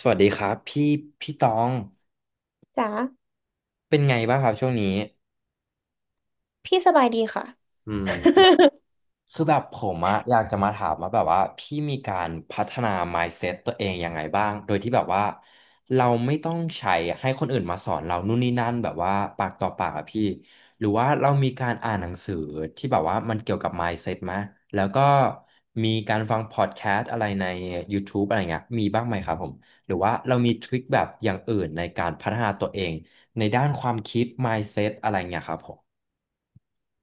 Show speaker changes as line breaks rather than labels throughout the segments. สวัสดีครับพี่พี่ตอง
จ๋า
เป็นไงบ้างครับช่วงนี้
พี่สบายดีค่ะ
อืม คือแบบผมอะอยากจะมาถามว่าแบบว่าพี่มีการพัฒนา mindset ตัวเองยังไงบ้างโดยที่แบบว่าเราไม่ต้องใช้ให้คนอื่นมาสอนเรานู่นนี่นั่นแบบว่าปากต่อปากอะพี่หรือว่าเรามีการอ่านหนังสือที่แบบว่ามันเกี่ยวกับ mindset ไหมแล้วก็มีการฟังพอดแคสต์อะไรใน YouTube อะไรเงี้ยมีบ้างไหมครับผมหรือว่าเรามีทริคแบบอย่างอื่นในการพัฒนาตัวเองในด้านความคิด mindset อะไรเงี้ยครับผม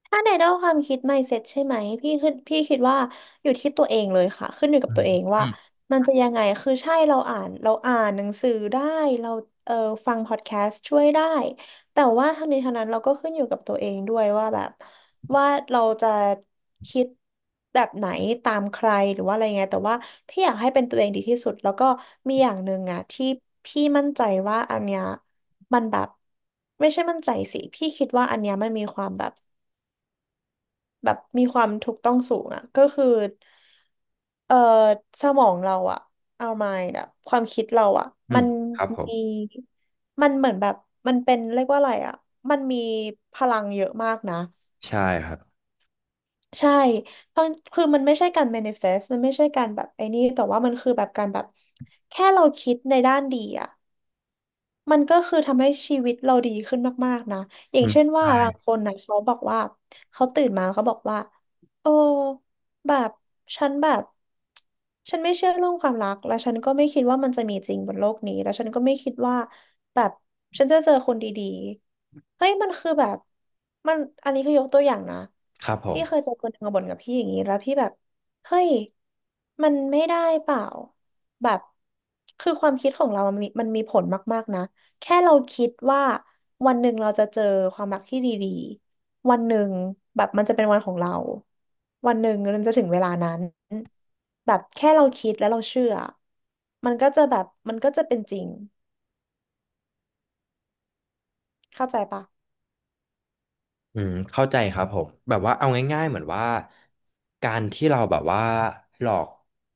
ถ้าในด้านความคิด mindset ใช่ไหมพี่คือพี่คิดว่าอยู่ที่ตัวเองเลยค่ะขึ้นอยู่กับตัวเอง
อื
ว่า
ม
มันจะยังไงคือใช่เราอ่านหนังสือได้เราเออฟังพอดแคสต์ช่วยได้แต่ว่าทั้งนี้ทั้งนั้นเราก็ขึ้นอยู่กับตัวเองด้วยว่าแบบว่าเราจะคิดแบบไหนตามใครหรือว่าอะไรไงแต่ว่าพี่อยากให้เป็นตัวเองดีที่สุดแล้วก็มีอย่างหนึ่งอะที่พี่มั่นใจว่าอันเนี้ยมันแบบไม่ใช่มั่นใจสิพี่คิดว่าอันเนี้ยมันมีความแบบ แบบมีความถูกต้องสูงอ่ะก็คือเอ่อสมองเราอ่ะเอามายอ่ะความคิดเราอ่ะ
อื
มั
ม
น
ครับผม
มีมันเหมือนแบบมันเป็นเรียกว่าอะไรอ่ะมันมีพลังเยอะมากนะ
ใช่ครับ
ใช่เพราะคือมันไม่ใช่การ manifest มันไม่ใช่การแบบไอ้นี่แต่ว่ามันคือแบบการแบบแค่เราคิดในด้านดีอะ มันก็คือทำให้ชีวิตเราดีขึ้นมากๆนะอย่างเช่นว่าบางคนนะเขาบอกว่าเขาตื่นมาเขาบอกว่าโอ้แบบฉันแบบฉันไม่เชื่อเรื่องความรักและฉันก็ไม่คิดว่ามันจะมีจริงบนโลกนี้และฉันก็ไม่คิดว่าแบบฉันจะเจอคนดีๆเฮ้ยมันคือแบบมันอันนี้คือยกตัวอย่างนะ
ครับผ
พี่เคย
ม
เจอคนหนึ่งมาบ่นกับพี่อย่างนี้แล้วพี่แบบเฮ้ยมันไม่ได้เปล่าแบบคือความคิดของเรามันมีผลมากๆนะ แค่เราคิดว่าวันหนึ่งเราจะเจอความรักที่ดีๆวันหนึ่งแบบมันจะเป็นวันของเรา วันหนึ่งมันจะถึงเวลานั้นแบบแค่เราคิดแล้วเราเชื่อ มันก็จะแบบมันก็จะเป็นจริงเข้าใจปะ
อืมเข้าใจครับผมแบบว่าเอาง่ายๆเหมือนว่าการที่เราแบบว่าหลอก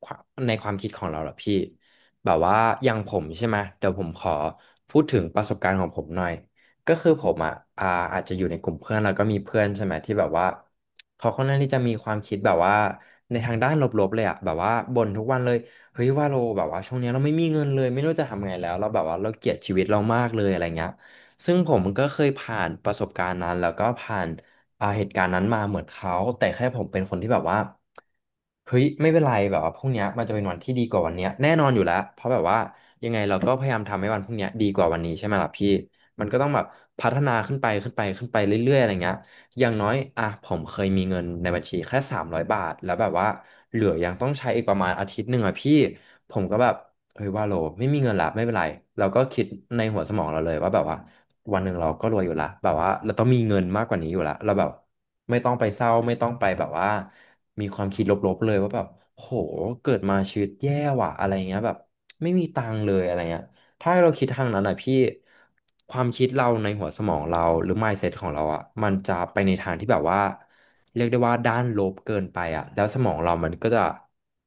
ความในความคิดของเราเหรอพี่แบบว่าอย่างผมใช่ไหมเดี๋ยวผมขอพูดถึงประสบการณ์ของผมหน่อยก็คือผมอ่ะอ่าอาจจะอยู่ในกลุ่มเพื่อนแล้วก็มีเพื่อนใช่ไหมที่แบบว่าเขาค่อนข้างที่จะมีความคิดแบบว่าในทางด้านลบๆเลยอะแบบว่าบ่นทุกวันเลยเฮ้ยว่าเราแบบว่าช่วงเนี้ยเราไม่มีเงินเลยไม่รู้จะทำไงแล้วเราแบบว่าเราเกลียดชีวิตเรามากเลยอะไรเงี้ย ซึ่งผมก็เคยผ่านประสบการณ์นั้นแล้วก็ผ่านเหตุการณ์นั้นมาเหมือนเขาแต่แค่ผมเป็นคนที่แบบว่าเฮ้ยไม่เป็นไรแบบว่าพรุ่งเนี้ยมันจะเป็นวันที่ดีกว่าวันเนี้ยแน่นอนอยู่แล้วเพราะแบบว่ายังไงเราก็พยายามทำให้วันพรุ่งเนี้ยดีกว่าวันนี้ใช่ไหมล่ะพี่มันก็ต้องแบบพัฒนาขึ้นไปขึ้นไปขึ้นไปเรื่อยๆอะไรเงี้ยอย่างน้อยอ่ะผมเคยมีเงินในบัญชีแค่3 0ยบาทแล้วแบบว่าเหลือยังต้องใช้อีกประมาณอาทิตย์หนึ่งอ่ะพี่ผมก็แบบ เฮ้ยว่าโลไม่มีเงินละไม่เป็นไรเราก็คิดในหัวสมองเราเลยว่าแบบว่าวันหนึ่งเราก็รวยอยู่ละแบบว่าเราต้องมีเงินมากกว่านี้อยู่ละเราแบบไม่ต้องไปเศร้าไม่ต้องไปแบบว่ามีความคิดลบๆเลยว่าแบบโหเกิดมาชีวิตแย่ว่ะอะไรเงี้ยแบบไม่มีตังค์เลยอะไรเงี้ยถ้าเราคิดทางนั้นอ่ะพี่ความคิดเราในหัวสมองเราหรือ mindset ของเราอ่ะมันจะไปในทางที่แบบว่าเรียกได้ว่าด้านลบเกินไปอ่ะแล้วสมองเรามันก็จะ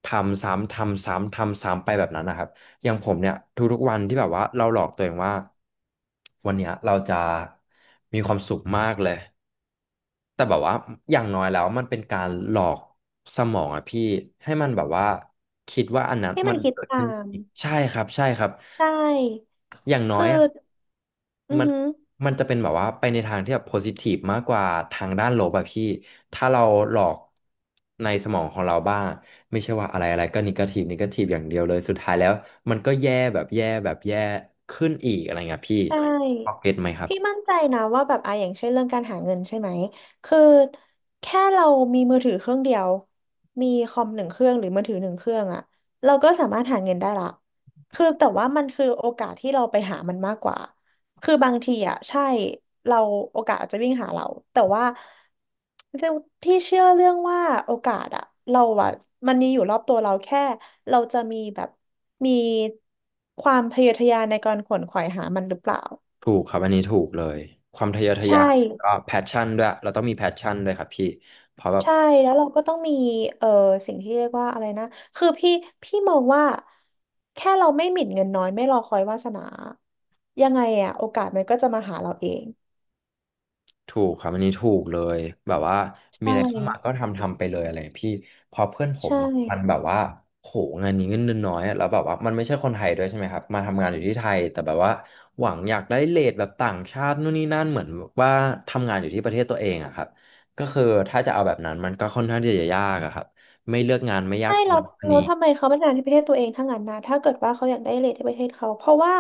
ทำซ้ำทำซ้ำทำซ้ำไปแบบนั้นนะครับ อย่างผมเนี่ยทุกๆวันที่แบบว่าเราหลอกตัวเองว่าวันเนี้ยเราจะมีความสุขมากเลยแต่แบบว่าอย่างน้อยแล้วมันเป็นการหลอกสมองอะพี่ให้มันแบบว่าคิดว่าอันนั้น
ให้มั
มั
น
น
คิด
เกิด
ตา
ขึ้น
ม
อีกใช่ครับใช่ครับ
ใช่
อย่างน้อ
คือ
ยอะ
อือ
มัน
หือ
มันจะเป็นแบบว่าไปในทางที่แบบโพซิทีฟมากกว่าทางด้านลบอะพี่ถ้าเราหลอกในสมองของเราบ้างไม่ใช่ว่าอะไรอะไรก็นิเกทีฟนิเกทีฟอย่างเดียวเลยสุดท้ายแล้วมันก็แย่แบบแย่แบบแย่ขึ้นอีกอะไรเงี้ยพี่
ใช่
พอเก็ตไหมครับ
พี่มั่นใจนะว่าแบบอ่ะอย่างเช่นเรื่องการหาเงินใช่ไหมคือแค่เรามีมือถือเครื่องเดียวมีคอมหนึ่งเครื่องหรือมือถือหนึ่งเครื่องอะเราก็สามารถหาเงินได้ละคือแต่ว่ามันคือโอกาสที่เราไปหามันมากกว่า คือบางทีอ่ะใช่เราโอกาสอาจจะวิ่งหาเราแต่ว่าเรื่องที่เชื่อเรื่องว่าโอกาสอ่ะเราอ่ะมันมีอยู่รอบตัวเราแค่เราจะมีแบบมีความพยายามในการขวนขวายหามันหรือเปล่า
ถูกครับอันนี้ถูกเลยความทะเยอทะ
ใช่
ยานก็แพชชั่นด้วยเราต้องมีแพชชั่นด้วยครับพี่เพราะแบบ
ใช่แล้วเราก็ต้องมีเอ่อสิ่งที่เรียกว่าอะไรนะคือพี่มองว่าแค่เราไม่หมิ่นเงินน้อยไม่รอคอยวาสนายังไงอะโอกาสมันก็จะมาหาเราเอง
ถูกครับอันนี้ถูกเลยแบบว่ามี
ใช่
อะไรเข้ามาก็ทำทำไปเลยอะไรพี่เพื่อนผม
ใช่
มันแบบว่าโหงานนี้เงินเดือนน้อยอะแล้วแบบว่ามันไม่ใช่คนไทยด้วยใช่ไหมครับมาทำงานอยู่ที่ไทยแต่แบบว่าหวังอยากได้เรทแบบต่างชาตินู่นนี่นั่นเหมือนว่าทำงานอยู่ที่ประเทศตัวเองอะครับก็คือถ้าจะเอาแบบนั้นมันก็ค่อนข้างที่จะยากอะครับไม่เลือกงานไม่ยา
ใช่
กตร
เรา
งอัน
เรา
นี้
ทำไมเขาไม่ทำงานที่ประเทศตัวเองทั้งนั้นนะถ้าเกิดว่าเขาอยากได้เรทที่ประเทศเขาเพราะว่า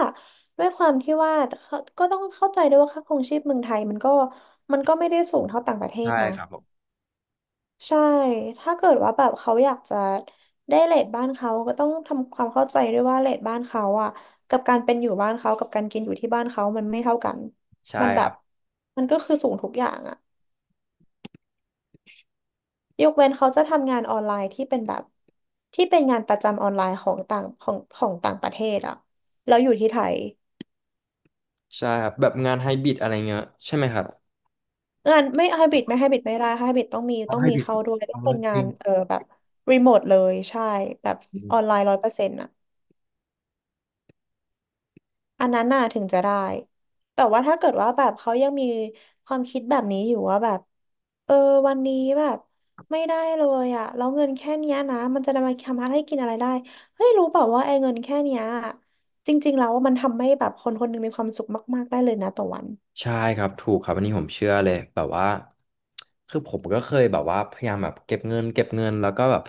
ด้วยความที่ว่าเขาก็ต้องเข้าใจด้วยว่าค่าครองชีพเมืองไทยมันก็ไม่ได้สูงเท่าต่างประเทศ
ใช่
นะ
ครับผม
ใช่ถ้าเกิดว่าแบบเขาอยากจะได้เรทบ้านเขาก็ต้องทำความเข้าใจด้วยว่าเรทบ้านเขาอ่ะกับการเป็นอยู่บ้านเขากับการกินอยู่ที่บ้านเขามันไม่เท่ากัน
ใช่
มันแบ
ครั
บ
บ
มันก็คือสูงทุกอย่างอ่ะ ยกเว้นเขาจะทำงานออนไลน์ที่เป็นแบบที่เป็นงานประจำออนไลน์ของต่างประเทศอะแล้วอยู่ที่ไทย
ใช่ครับแบบงานไฮบริดอะไรเงี้ยใช่ไหมครับ
งานไม่ได้ไฮบริดต้องมีเข้าด้วยต้องเป็นงานแบบรีโมทเลยใช่แบบออนไลน์100%อะ อันนั้นน่ะถึงจะได้ แต่ว่าถ้าเกิดว่าแบบเขายังมีความคิดแบบนี้อยู่ว่าแบบเออวันนี้แบบไม่ได้เลยอะแล้วเงินแค่เนี้ยนะมันจะนำมาทำให้กินอะไรได้เฮ้ยรู้เปล่าว่าไอ้เงินแค่เนี้ยจริงๆแล้วว่ามันทำให้แบบคนคนหนึงมีความสุขมากๆได้เลยนะต่อวัน
ใช่ครับถูกครับอันนี้ผมเชื่อเลยแบบว่าคือผมก็เคยแบบว่าพยายามแบบเก็บเงินแล้วก็แบบ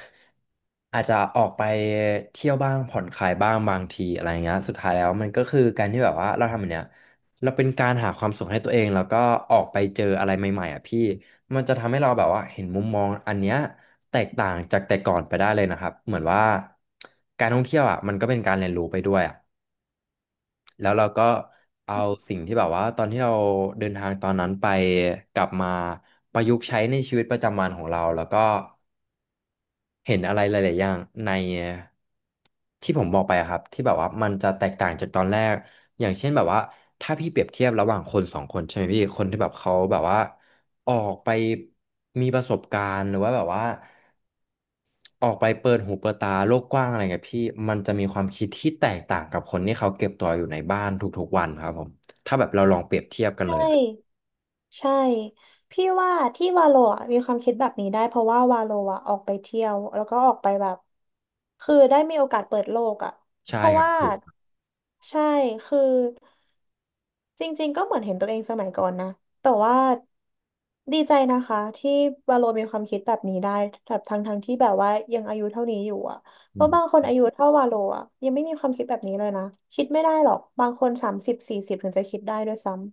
อาจจะออกไปเที่ยวบ้างผ่อนคลายบ้างบางทีอะไรเงี้ยสุดท้ายแล้วมันก็คือการที่แบบว่าเราทำแบบเนี้ยเราเป็นการหาความสุขให้ตัวเองแล้วก็ออกไปเจออะไรใหม่ๆอ่ะพี่มันจะทำให้เราแบบว่าเห็นมุมมองอันเนี้ยแตกต่างจากแต่ก่อนไปได้เลยนะครับเหมือนว่าการท่องเที่ยวอ่ะมันก็เป็นการเรียนรู้ไปด้วยอ่ะ แล้วเราก็เอาสิ่งที่แบบว่าตอนที่เราเดินทางตอนนั้นไปกลับมาประยุกต์ใช้ในชีวิตประจำวันของเราแล้วก็เห็นอะไรหลายๆอย่างในที่ผมบอกไปอะครับที่แบบว่ามันจะแตกต่างจากตอนแรกอย่างเช่นแบบว่าถ้าพี่เปรียบเทียบระหว่างคนสองคนใช่ไหมพี่คนที่แบบเขาแบบว่าออกไปมีประสบการณ์หรือว่าแบบว่า ออกไปเปิดหูเปิดตาโลกกว้างอะไรเงี้ยพี่มันจะมีความคิดที่แตกต่างกับคนที่เขาเก็บตัวอยู่ในบ้านทุกๆวันครับผมถ้าแบบเราลองเปรียบเทียบกันเล
ใช่
ยอะ
ใช่พี่ว่าที่วาโลอะมีความคิดแบบนี้ได้เพราะว่าวาโลอะออกไปเที่ยวแล้วก็ออกไปแบบคือได้มีโอกาสเปิดโลกอะ
ใช่
เพราะ
ครับ
ว่าใช่คือจริงๆก็เหมือนเห็นตัวเองสมัยก่อนนะแต่ว่าดีใจนะคะที่วาโลมีความคิดแบบนี้ได้แบบทั้งที่แบบว่ายังอายุเท่านี้อยู่อะเพ
อื
ราะ
ม
บางคนอายุเท่าวาโลอะยังไม่มีความคิดแบบนี้เลยนะคิดไม่ได้หรอกบางคน3040ถึงจะคิดได้ด้วยซ้ำ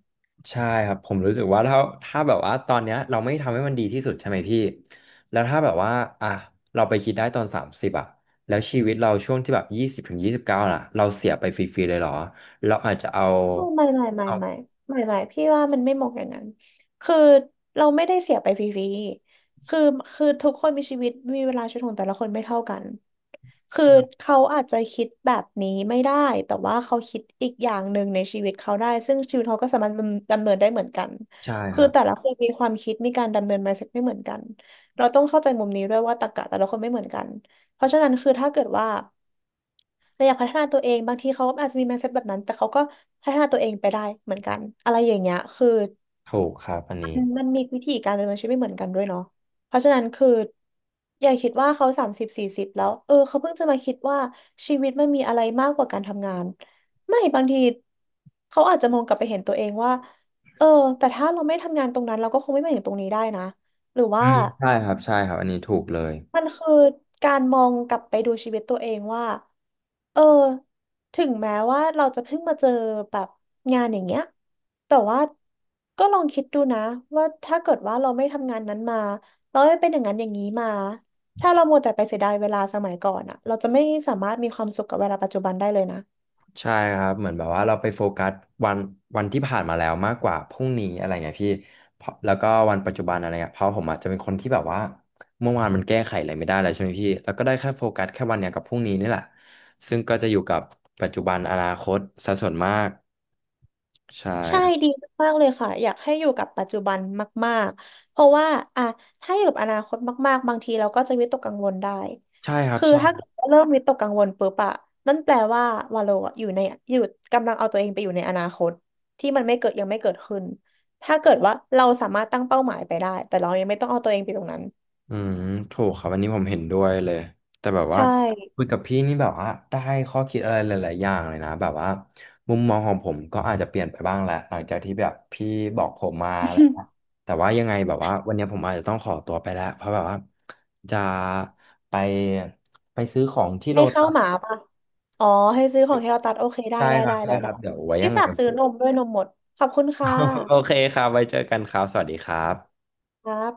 ใช่ครับผมรู้สึกว่าถ้าแบบว่าตอนเนี้ยเราไม่ทำให้มันดีที่สุดใช่ไหมพี่แล้วถ้าแบบว่าอ่ะเราไปคิดได้ตอน30อ่ะแล้วชีวิตเราช่วงที่แบบยี่สิบถึง29ล่ะเราเสียไปฟรีๆเลยเหรอเราอาจจะเอา
ไม่ไม่ไม่ไม่ไม่
เอา
ไม่ไม่พี่ว่ามันไม่เหมาะอย่างนั้นคือเราไม่ได้เสียไปฟรีๆคือคือทุกคนมีชีวิตมีเวลาชีวิตของแต่ละคนไม่เท่ากันคือ
ใช่
เขาอาจจะคิดแบบนี้ไม่ได้แต่ว่าเขาคิดอีกอย่างหนึ่งในชีวิตเขาได้ซึ่งชีวิตเขาก็สามารถดำเนินได้เหมือนกัน
ใช่ค
คือ
รับ
แต่ละคนมีความคิดมีการดำเนิน mindset ไม่เหมือนกันเราต้องเข้าใจมุมนี้ด้วยว่าตรรกะแต่ละคนไม่เหมือนกันเพราะฉะนั้นคือถ้าเกิดว่า เราอยากพัฒนาตัวเองบางทีเขาอาจจะมี mindset แบบนั้นแต่เขาก็พัฒนาตัวเองไปได้เหมือนกันอะไรอย่างเงี้ยคือ
ถูกครับอันนี้
มันมีวิธีการดำเนินชีวิตไม่เหมือนกันด้วยเนาะเพราะฉะนั้นคืออย่าคิดว่าเขาสามสิบสี่สิบแล้วเออเขาเพิ่งจะมาคิดว่าชีวิตมันมีอะไรมากกว่าการทำงานไม่บางทีเขาอาจจะมองกลับไปเห็นตัวเองว่าเออแต่ถ้าเราไม่ทำงานตรงนั้นเราก็คงไม่มาถึงตรงนี้ได้นะหรือ
อื
ว่า
มใช่ครับใช่ครับอันนี้ถูกเลย
มันคือการมองกลับไปดูชีวิตตัวเองว่าเออถึงแม้ว่าเราจะเพิ่งมาเจอแบบงานอย่างเงี้ยแต่ว่าก็ลองคิดดูนะว่าถ้าเกิดว่าเราไม่ทำงานนั้นมาเราไม่เป็นอย่างนั้นอย่างนี้มาถ้าเรามัวแต่ไปเสียดายเวลาสมัยก่อนอะเราจะไม่สามารถมีความสุขกับเวลาปัจจุบันได้เลยนะ
ใช่ครับเหมือนแบบว่าเราไปโฟกัสวันวันที่ผ่านมาแล้วมากกว่าพรุ่งนี้อะไรเงี้ยพี่เพราะแล้วก็วันปัจจุบันอะไรเงี้ยเพราะผมอาจจะเป็นคนที่แบบว่าเมื่อวานมันแก้ไขอะไรไม่ได้แล้วใช่ไหมพี่แล้วก็ได้แค่โฟกัสแค่วันเนี้ยกับพรุ่งนี้นี่แหละซึ่งก็จะอยู่กับปัจจุบันอนาคตซะส่วนมากใช่
ใช่
ครั
ดี
บ
มากๆเลยค่ะอยากให้อยู่กับปัจจุบันมากๆเพราะว่าอ่ะถ้าอยู่กับอนาคตมากๆบางทีเราก็จะวิตกกังวลได้
ใช่ครับ
คือถ้าเกิดว่าเริ่มวิตกกังวลปุ๊บอะนั่นแปลว่าวาโลอะอยู่ในอยู่กำลังเอาตัวเองไปอยู่ในอนาคตที่มันไม่เกิดยังไม่เกิดขึ้นถ้าเกิดว่าเราสามารถตั้งเป้าหมายไปได้แต่เรายังไม่ต้องเอาตัวเองไปตรงนั้น
อืมถูกครับอันนี้ผมเห็นด้วยเลยแต่แบบว่า
ใช่
คุยกับพี่นี่แบบว่าได้ข้อคิดอะไรหลายๆอย่างเลยนะแบบว่ามุมมองของผมก็อาจจะเปลี่ยนไปบ้างแหละหลังจากที่แบบพี่บอกผมมาอะไรเงี้ ยแต่ว่ายังไงแบบว่าวันนี้ผมอาจจะต้องขอตัวไปแล้วเพราะแบบว่าจะไปไปซื้อของที่ โล
ให้เข้า
ตั
ว
ส
หมาป่ะอ๋อให้ซื้อของที่เราตัดโอเคได้
ใช่
ได้
ครั
ได้
บใช่
ได้
ค
ได้
รับเดี๋ยวไว้
ที่
ยังไง
ฝาก
ผ
ซื้อ
ม
นมด้วยนมหมดขอบคุณค่ะ
โอเคครับไว้เจอกันครับสวัสดีครับ
ครับ